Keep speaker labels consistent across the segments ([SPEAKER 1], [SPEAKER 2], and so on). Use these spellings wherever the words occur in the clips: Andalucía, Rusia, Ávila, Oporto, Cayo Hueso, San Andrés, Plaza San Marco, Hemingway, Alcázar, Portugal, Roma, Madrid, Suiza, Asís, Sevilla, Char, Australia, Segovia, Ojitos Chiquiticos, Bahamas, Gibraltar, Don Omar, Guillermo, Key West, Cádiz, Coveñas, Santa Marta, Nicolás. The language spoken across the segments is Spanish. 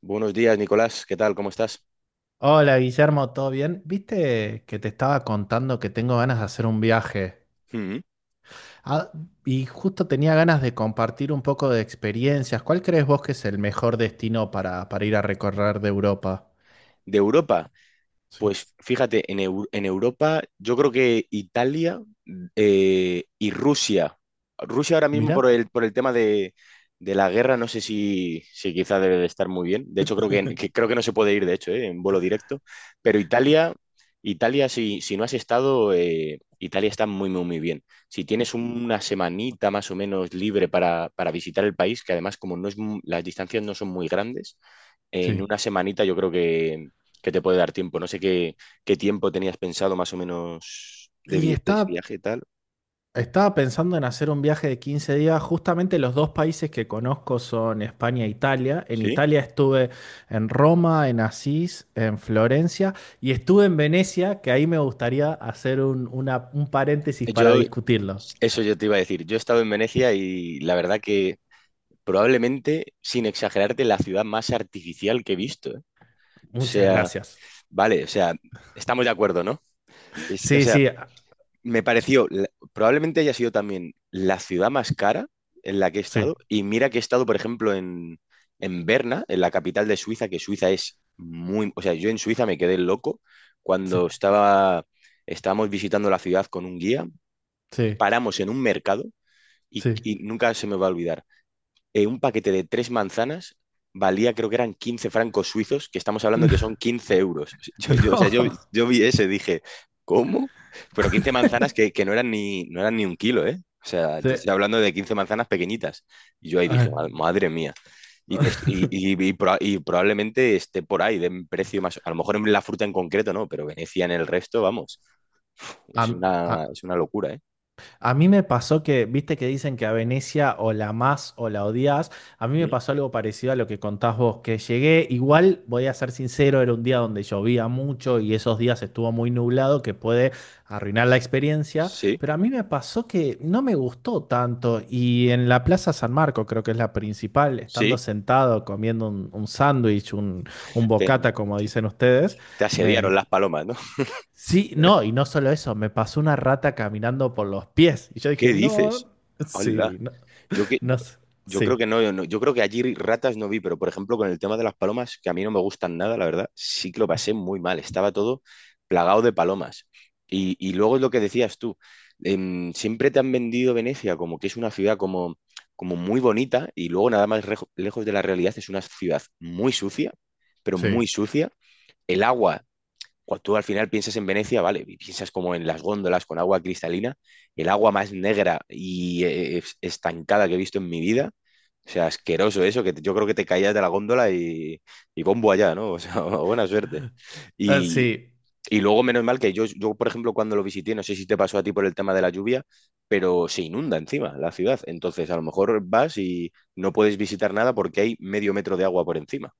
[SPEAKER 1] Buenos días, Nicolás. ¿Qué tal? ¿Cómo estás?
[SPEAKER 2] Hola Guillermo, ¿todo bien? Viste que te estaba contando que tengo ganas de hacer un viaje.
[SPEAKER 1] Mm.
[SPEAKER 2] Ah, y justo tenía ganas de compartir un poco de experiencias. ¿Cuál crees vos que es el mejor destino para ir a recorrer de Europa?
[SPEAKER 1] De Europa.
[SPEAKER 2] Sí.
[SPEAKER 1] Pues fíjate, en Europa yo creo que Italia y Rusia. Rusia ahora mismo
[SPEAKER 2] Mira.
[SPEAKER 1] por el tema de la guerra no sé si quizá debe de estar muy bien. De hecho creo que creo que no se puede ir, de hecho, en vuelo directo. Pero Italia, Italia si no has estado, Italia está muy, muy, muy bien. Si tienes una semanita más o menos libre para visitar el país, que además como no es, las distancias no son muy grandes, en
[SPEAKER 2] Sí.
[SPEAKER 1] una semanita yo creo que te puede dar tiempo. No sé qué, qué tiempo tenías pensado más o menos de,
[SPEAKER 2] Y
[SPEAKER 1] de
[SPEAKER 2] estaba,
[SPEAKER 1] viaje y tal.
[SPEAKER 2] Estaba pensando en hacer un viaje de 15 días. Justamente los dos países que conozco son España e Italia. En
[SPEAKER 1] Sí.
[SPEAKER 2] Italia estuve en Roma, en Asís, en Florencia y estuve en Venecia, que ahí me gustaría hacer un paréntesis para
[SPEAKER 1] Yo,
[SPEAKER 2] discutirlo.
[SPEAKER 1] eso yo te iba a decir. Yo he estado en Venecia y la verdad que probablemente, sin exagerarte, la ciudad más artificial que he visto, ¿eh? O
[SPEAKER 2] Muchas
[SPEAKER 1] sea,
[SPEAKER 2] gracias.
[SPEAKER 1] vale, o sea, estamos de acuerdo, ¿no? O
[SPEAKER 2] Sí,
[SPEAKER 1] sea,
[SPEAKER 2] sí, ah,
[SPEAKER 1] me pareció, probablemente haya sido también la ciudad más cara en la que he
[SPEAKER 2] sí,
[SPEAKER 1] estado. Y mira que he estado, por ejemplo, en Berna, en la capital de Suiza, que Suiza es muy... O sea, yo en Suiza me quedé loco
[SPEAKER 2] sí,
[SPEAKER 1] cuando estábamos visitando la ciudad con un guía,
[SPEAKER 2] sí,
[SPEAKER 1] paramos en un mercado
[SPEAKER 2] sí.
[SPEAKER 1] y nunca se me va a olvidar un paquete de tres manzanas valía, creo que eran 15 francos suizos, que estamos hablando que son 15 euros. Yo, o sea, yo,
[SPEAKER 2] No,
[SPEAKER 1] yo vi ese, dije, ¿cómo? Pero 15 manzanas que no eran ni, no eran ni un kilo, ¿eh? O sea, te
[SPEAKER 2] sí.
[SPEAKER 1] estoy hablando de 15 manzanas pequeñitas. Y yo ahí dije,
[SPEAKER 2] ah,
[SPEAKER 1] Madre mía". Y probablemente esté por ahí, de un precio más. A lo mejor en la fruta en concreto no, pero Venecia en el resto, vamos.
[SPEAKER 2] a- a-
[SPEAKER 1] Es una locura, ¿eh?
[SPEAKER 2] A mí me pasó que, viste que dicen que a Venecia o la amás o la odias. A mí me
[SPEAKER 1] Mm.
[SPEAKER 2] pasó algo parecido a lo que contás vos, que llegué, igual voy a ser sincero, era un día donde llovía mucho y esos días estuvo muy nublado, que puede arruinar la experiencia,
[SPEAKER 1] Sí,
[SPEAKER 2] pero a mí me pasó que no me gustó tanto y en la Plaza San Marco, creo que es la principal, estando
[SPEAKER 1] sí.
[SPEAKER 2] sentado comiendo un sándwich, un
[SPEAKER 1] Te,
[SPEAKER 2] bocata, como dicen ustedes.
[SPEAKER 1] te asediaron
[SPEAKER 2] me,
[SPEAKER 1] las palomas.
[SPEAKER 2] Sí, no, y no solo eso, me pasó una rata caminando por los pies. Y yo
[SPEAKER 1] ¿Qué
[SPEAKER 2] dije, no,
[SPEAKER 1] dices? Hola.
[SPEAKER 2] sí, no,
[SPEAKER 1] Yo que
[SPEAKER 2] no,
[SPEAKER 1] yo
[SPEAKER 2] sí.
[SPEAKER 1] creo que no, yo creo que allí ratas no vi, pero por ejemplo con el tema de las palomas, que a mí no me gustan nada, la verdad, sí que lo pasé muy mal. Estaba todo plagado de palomas. Y luego es lo que decías tú, siempre te han vendido Venecia como que es una ciudad como, como muy bonita y luego nada más lejos de la realidad es una ciudad muy sucia, pero
[SPEAKER 2] Sí.
[SPEAKER 1] muy sucia. El agua cuando tú al final piensas en Venecia, vale, y piensas como en las góndolas con agua cristalina, el agua más negra y estancada que he visto en mi vida. O sea, asqueroso eso, yo creo que te caías de la góndola y bombo allá, ¿no? O sea, buena suerte.
[SPEAKER 2] Ah,
[SPEAKER 1] Y,
[SPEAKER 2] sí.
[SPEAKER 1] y luego, menos mal que yo, por ejemplo, cuando lo visité, no sé si te pasó a ti por el tema de la lluvia, pero se inunda encima la ciudad. Entonces, a lo mejor vas y no puedes visitar nada porque hay medio metro de agua por encima.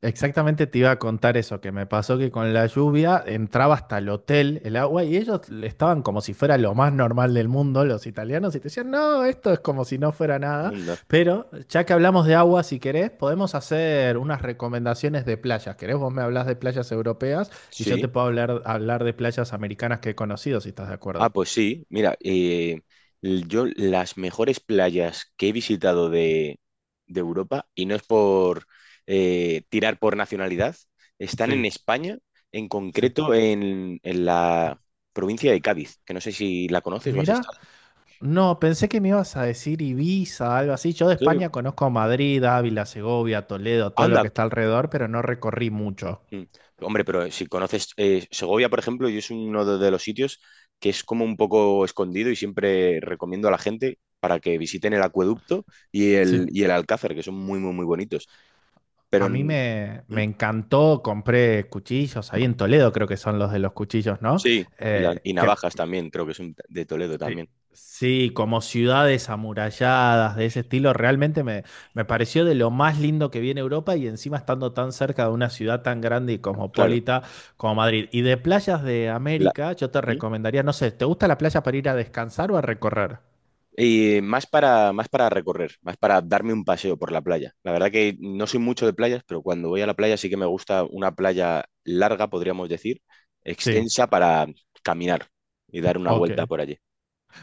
[SPEAKER 2] Exactamente te iba a contar eso, que me pasó que con la lluvia entraba hasta el hotel el agua y ellos estaban como si fuera lo más normal del mundo, los italianos, y te decían, no, esto es como si no fuera nada,
[SPEAKER 1] Anda.
[SPEAKER 2] pero ya que hablamos de agua, si querés, podemos hacer unas recomendaciones de playas. ¿Querés? Vos me hablas de playas europeas y yo
[SPEAKER 1] Sí.
[SPEAKER 2] te puedo hablar de playas americanas que he conocido, si estás de
[SPEAKER 1] Ah,
[SPEAKER 2] acuerdo.
[SPEAKER 1] pues sí, mira, yo las mejores playas que he visitado de Europa, y no es por tirar por nacionalidad, están en
[SPEAKER 2] Sí,
[SPEAKER 1] España, en
[SPEAKER 2] sí.
[SPEAKER 1] concreto en la provincia de Cádiz, que no sé si la conoces o has
[SPEAKER 2] Mira.
[SPEAKER 1] estado.
[SPEAKER 2] No, pensé que me ibas a decir Ibiza, algo así. Yo de
[SPEAKER 1] Sí.
[SPEAKER 2] España conozco Madrid, Ávila, Segovia, Toledo, todo lo
[SPEAKER 1] Anda,
[SPEAKER 2] que está alrededor, pero no recorrí mucho.
[SPEAKER 1] mm, hombre, pero si conoces Segovia, por ejemplo, yo es uno de los sitios que es como un poco escondido y siempre recomiendo a la gente para que visiten el acueducto
[SPEAKER 2] Sí.
[SPEAKER 1] y el Alcázar, que son muy, muy, muy bonitos. Pero
[SPEAKER 2] A mí
[SPEAKER 1] en-
[SPEAKER 2] me,
[SPEAKER 1] ¿Mm?
[SPEAKER 2] me encantó, compré cuchillos, ahí en Toledo creo que son los de los cuchillos, ¿no?
[SPEAKER 1] Sí, y
[SPEAKER 2] Que
[SPEAKER 1] navajas también, creo que son de Toledo
[SPEAKER 2] Sí,
[SPEAKER 1] también.
[SPEAKER 2] sí, como ciudades amuralladas de ese estilo, realmente me pareció de lo más lindo que vi en Europa y encima estando tan cerca de una ciudad tan grande y
[SPEAKER 1] Claro.
[SPEAKER 2] cosmopolita como Madrid. Y de playas de
[SPEAKER 1] La,
[SPEAKER 2] América, yo te
[SPEAKER 1] ¿mm?
[SPEAKER 2] recomendaría, no sé, ¿te gusta la playa para ir a descansar o a recorrer?
[SPEAKER 1] Y más para, más para recorrer, más para darme un paseo por la playa. La verdad que no soy mucho de playas, pero cuando voy a la playa sí que me gusta una playa larga, podríamos decir,
[SPEAKER 2] Sí,
[SPEAKER 1] extensa para caminar y dar una
[SPEAKER 2] ok.
[SPEAKER 1] vuelta por allí.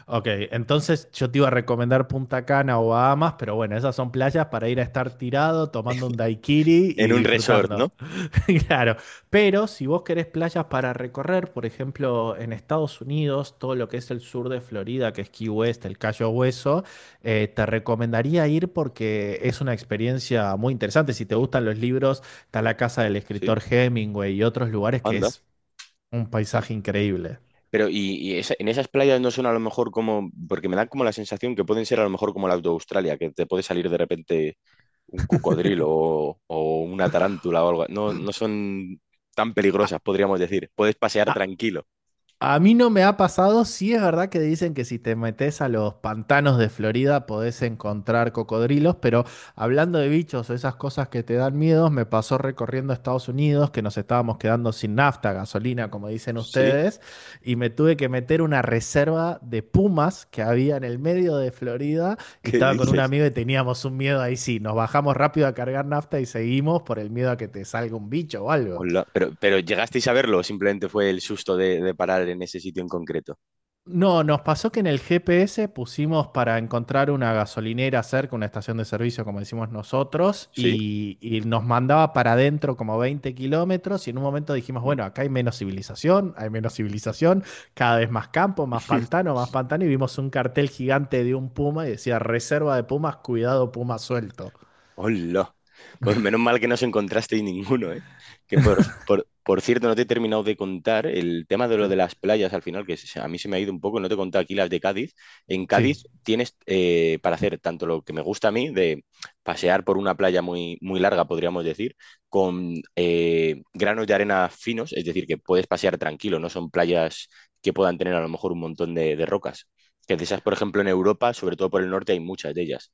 [SPEAKER 2] Ok, entonces yo te iba a recomendar Punta Cana o Bahamas, pero bueno, esas son playas para ir a estar tirado, tomando un daiquiri y
[SPEAKER 1] En un resort, ¿no?
[SPEAKER 2] disfrutando. Claro, pero si vos querés playas para recorrer, por ejemplo, en Estados Unidos, todo lo que es el sur de Florida, que es Key West, el Cayo Hueso, te recomendaría ir porque es una experiencia muy interesante. Si te gustan los libros, está la casa del
[SPEAKER 1] Sí,
[SPEAKER 2] escritor Hemingway y otros lugares que
[SPEAKER 1] anda.
[SPEAKER 2] es un
[SPEAKER 1] Sí,
[SPEAKER 2] paisaje
[SPEAKER 1] sí.
[SPEAKER 2] increíble.
[SPEAKER 1] Pero y en esas playas no son a lo mejor como, porque me dan como la sensación que pueden ser a lo mejor como las de Australia, que te puede salir de repente un cocodrilo o una tarántula o algo. No, no son tan
[SPEAKER 2] A-
[SPEAKER 1] peligrosas, podríamos decir. Puedes pasear
[SPEAKER 2] a-
[SPEAKER 1] tranquilo.
[SPEAKER 2] A mí no me ha pasado, sí es verdad que dicen que si te metes a los pantanos de Florida podés encontrar cocodrilos, pero hablando de bichos o esas cosas que te dan miedos, me pasó recorriendo Estados Unidos que nos estábamos quedando sin nafta, gasolina, como dicen
[SPEAKER 1] ¿Sí?
[SPEAKER 2] ustedes, y me tuve que meter una reserva de pumas que había en el medio de Florida y
[SPEAKER 1] ¿Qué
[SPEAKER 2] estaba con un
[SPEAKER 1] dices?
[SPEAKER 2] amigo y teníamos un miedo ahí sí, nos bajamos rápido a cargar nafta y seguimos por el miedo a que te salga un bicho o algo.
[SPEAKER 1] Hola. Pero ¿llegasteis a verlo o simplemente fue el susto de parar en ese sitio en concreto?
[SPEAKER 2] No, nos pasó que en el GPS pusimos para encontrar una gasolinera cerca, una estación de servicio, como decimos nosotros,
[SPEAKER 1] ¿Sí?
[SPEAKER 2] y nos mandaba para adentro como 20 kilómetros y en un momento dijimos,
[SPEAKER 1] Mm.
[SPEAKER 2] bueno, acá hay menos civilización, cada vez más campo, más pantano, y vimos un cartel gigante de un puma y decía, reserva de pumas, cuidado puma suelto.
[SPEAKER 1] Hola. Bueno, menos mal que no os encontrasteis ninguno, ¿eh? Que por, por cierto, no te he terminado de contar el tema de
[SPEAKER 2] Sí.
[SPEAKER 1] lo de las playas al final, a mí se me ha ido un poco, no te he contado aquí las de Cádiz. En
[SPEAKER 2] Sí.
[SPEAKER 1] Cádiz tienes para hacer tanto lo que me gusta a mí, de pasear por una playa muy, muy larga, podríamos decir, con granos de arena finos, es decir, que puedes pasear tranquilo, no son playas que puedan tener a lo mejor un montón de rocas. Que de esas, por ejemplo, en Europa, sobre todo por el norte, hay muchas de ellas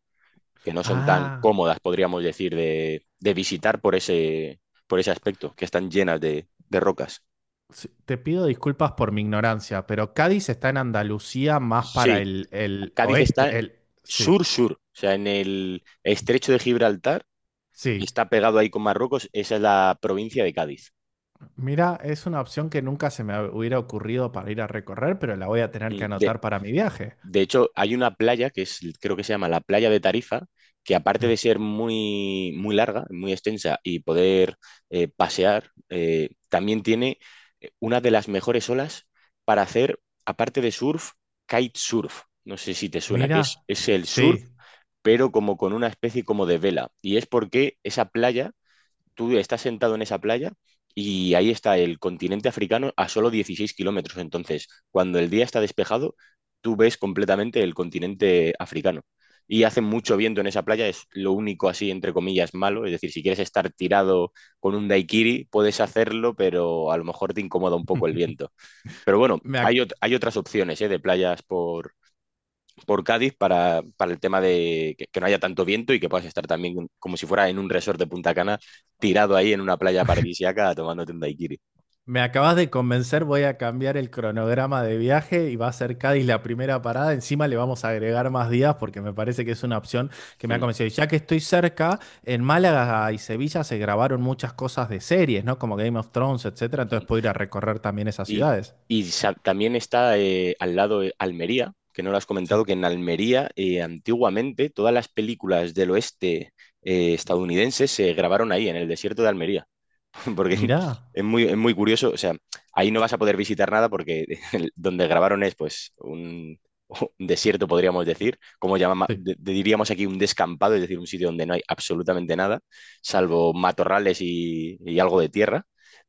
[SPEAKER 1] que no son tan
[SPEAKER 2] Ah,
[SPEAKER 1] cómodas, podríamos decir, de visitar por ese aspecto, que están llenas de rocas.
[SPEAKER 2] sí, te pido disculpas por mi ignorancia, pero Cádiz está en Andalucía más para
[SPEAKER 1] Sí,
[SPEAKER 2] el
[SPEAKER 1] Cádiz está
[SPEAKER 2] oeste, el... Sí.
[SPEAKER 1] sur-sur, o sea, en el estrecho de Gibraltar,
[SPEAKER 2] Sí,
[SPEAKER 1] está pegado ahí con Marruecos, esa es la provincia de Cádiz.
[SPEAKER 2] mira, es una opción que nunca se me hubiera ocurrido para ir a recorrer, pero la voy a tener
[SPEAKER 1] Mm.
[SPEAKER 2] que
[SPEAKER 1] De
[SPEAKER 2] anotar para mi viaje.
[SPEAKER 1] De hecho, hay una playa que es, creo que se llama la playa de Tarifa, que aparte
[SPEAKER 2] Sí.
[SPEAKER 1] de ser muy, muy larga, muy extensa y poder pasear, también tiene una de las mejores olas para hacer, aparte de surf, kitesurf. No sé si te suena, que
[SPEAKER 2] Mira,
[SPEAKER 1] es el
[SPEAKER 2] sí.
[SPEAKER 1] surf, pero como con una especie como de vela. Y es porque esa playa tú estás sentado en esa playa y ahí está el continente africano a solo 16 kilómetros. Entonces, cuando el día está despejado, tú ves completamente el continente africano. Y hace mucho viento en esa playa, es lo único así, entre comillas, malo. Es decir, si quieres estar tirado con un daiquiri, puedes hacerlo, pero a lo mejor te incomoda un poco el viento. Pero bueno,
[SPEAKER 2] me, ac-
[SPEAKER 1] hay otras opciones, ¿eh? De playas por Cádiz para el tema de que, no haya tanto viento y que puedas estar también como si fuera en un resort de Punta Cana, tirado ahí en una playa paradisíaca tomándote un daiquiri.
[SPEAKER 2] Me acabas de convencer, voy a cambiar el cronograma de viaje y va a ser Cádiz la primera parada. Encima le vamos a agregar más días porque me parece que es una opción que me ha
[SPEAKER 1] Mm.
[SPEAKER 2] convencido. Y ya que estoy cerca, en Málaga y Sevilla se grabaron muchas cosas de series, ¿no? Como Game of Thrones, etcétera. Entonces puedo ir a recorrer también esas
[SPEAKER 1] Y,
[SPEAKER 2] ciudades.
[SPEAKER 1] también está al lado Almería, que no lo has
[SPEAKER 2] Sí.
[SPEAKER 1] comentado, que en Almería antiguamente todas las películas del oeste estadounidenses se grabaron ahí, en el desierto de Almería. Porque
[SPEAKER 2] Mira.
[SPEAKER 1] es muy curioso. O sea, ahí no vas a poder visitar nada porque donde grabaron es pues un desierto, podríamos decir, como llamamos,
[SPEAKER 2] Sí.
[SPEAKER 1] diríamos aquí un descampado, es decir, un sitio donde no hay absolutamente nada, salvo matorrales y algo de tierra.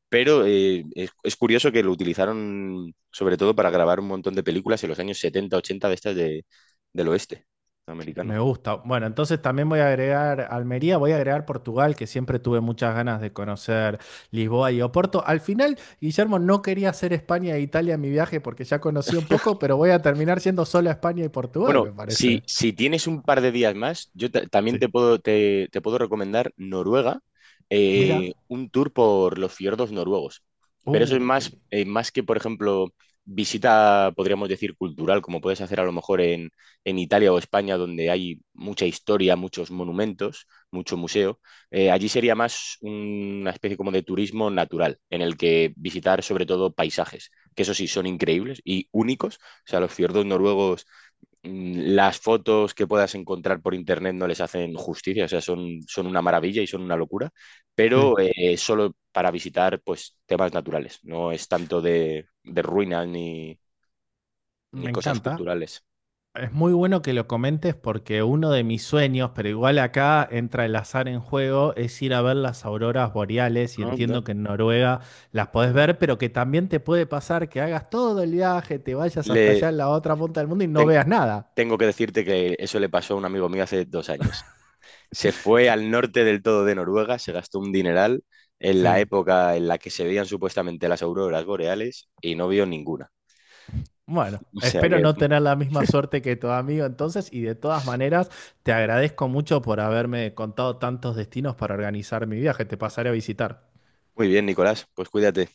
[SPEAKER 1] Pero es curioso que lo utilizaron sobre todo para grabar un montón de películas en los años 70 80 de estas de, del oeste americano.
[SPEAKER 2] Me gusta. Bueno, entonces también voy a agregar Almería, voy a agregar Portugal, que siempre tuve muchas ganas de conocer Lisboa y Oporto. Al final, Guillermo, no quería hacer España e Italia en mi viaje porque ya conocí un poco, pero voy a terminar siendo solo España y Portugal,
[SPEAKER 1] Bueno,
[SPEAKER 2] me parece.
[SPEAKER 1] si tienes un par de días más, también
[SPEAKER 2] Sí.
[SPEAKER 1] te puedo, te puedo recomendar Noruega,
[SPEAKER 2] Mira.
[SPEAKER 1] un tour por los fiordos noruegos. Pero eso es
[SPEAKER 2] Uh, qué
[SPEAKER 1] más,
[SPEAKER 2] li-
[SPEAKER 1] más que, por ejemplo, visita, podríamos decir, cultural, como puedes hacer a lo mejor en Italia o España, donde hay mucha historia, muchos monumentos, mucho museo. Allí sería más una especie como de turismo natural, en el que visitar sobre todo paisajes, que eso sí son increíbles y únicos. O sea, los fiordos noruegos las fotos que puedas encontrar por internet no les hacen justicia, o sea, son, son una maravilla y son una locura,
[SPEAKER 2] Sí,
[SPEAKER 1] pero solo para visitar pues, temas naturales, no es tanto de ruinas ni, ni
[SPEAKER 2] me
[SPEAKER 1] cosas
[SPEAKER 2] encanta.
[SPEAKER 1] culturales.
[SPEAKER 2] Es muy bueno que lo comentes porque uno de mis sueños, pero igual acá entra el azar en juego, es ir a ver las auroras boreales y
[SPEAKER 1] Ah, no.
[SPEAKER 2] entiendo que en Noruega las podés ver, pero que también te puede pasar que hagas todo el viaje, te vayas hasta
[SPEAKER 1] Le,
[SPEAKER 2] allá en la otra punta del mundo y no
[SPEAKER 1] ten-
[SPEAKER 2] veas nada.
[SPEAKER 1] Tengo que decirte que eso le pasó a un amigo mío hace 2 años. Se fue al norte del todo de Noruega, se gastó un dineral en la
[SPEAKER 2] Sí.
[SPEAKER 1] época en la que se veían supuestamente las auroras boreales y no vio ninguna.
[SPEAKER 2] Bueno,
[SPEAKER 1] O sea
[SPEAKER 2] espero
[SPEAKER 1] que,
[SPEAKER 2] no tener la misma suerte que tu amigo entonces y de todas maneras te agradezco mucho por haberme contado tantos destinos para organizar mi viaje, te pasaré a visitar.
[SPEAKER 1] muy bien, Nicolás, pues cuídate.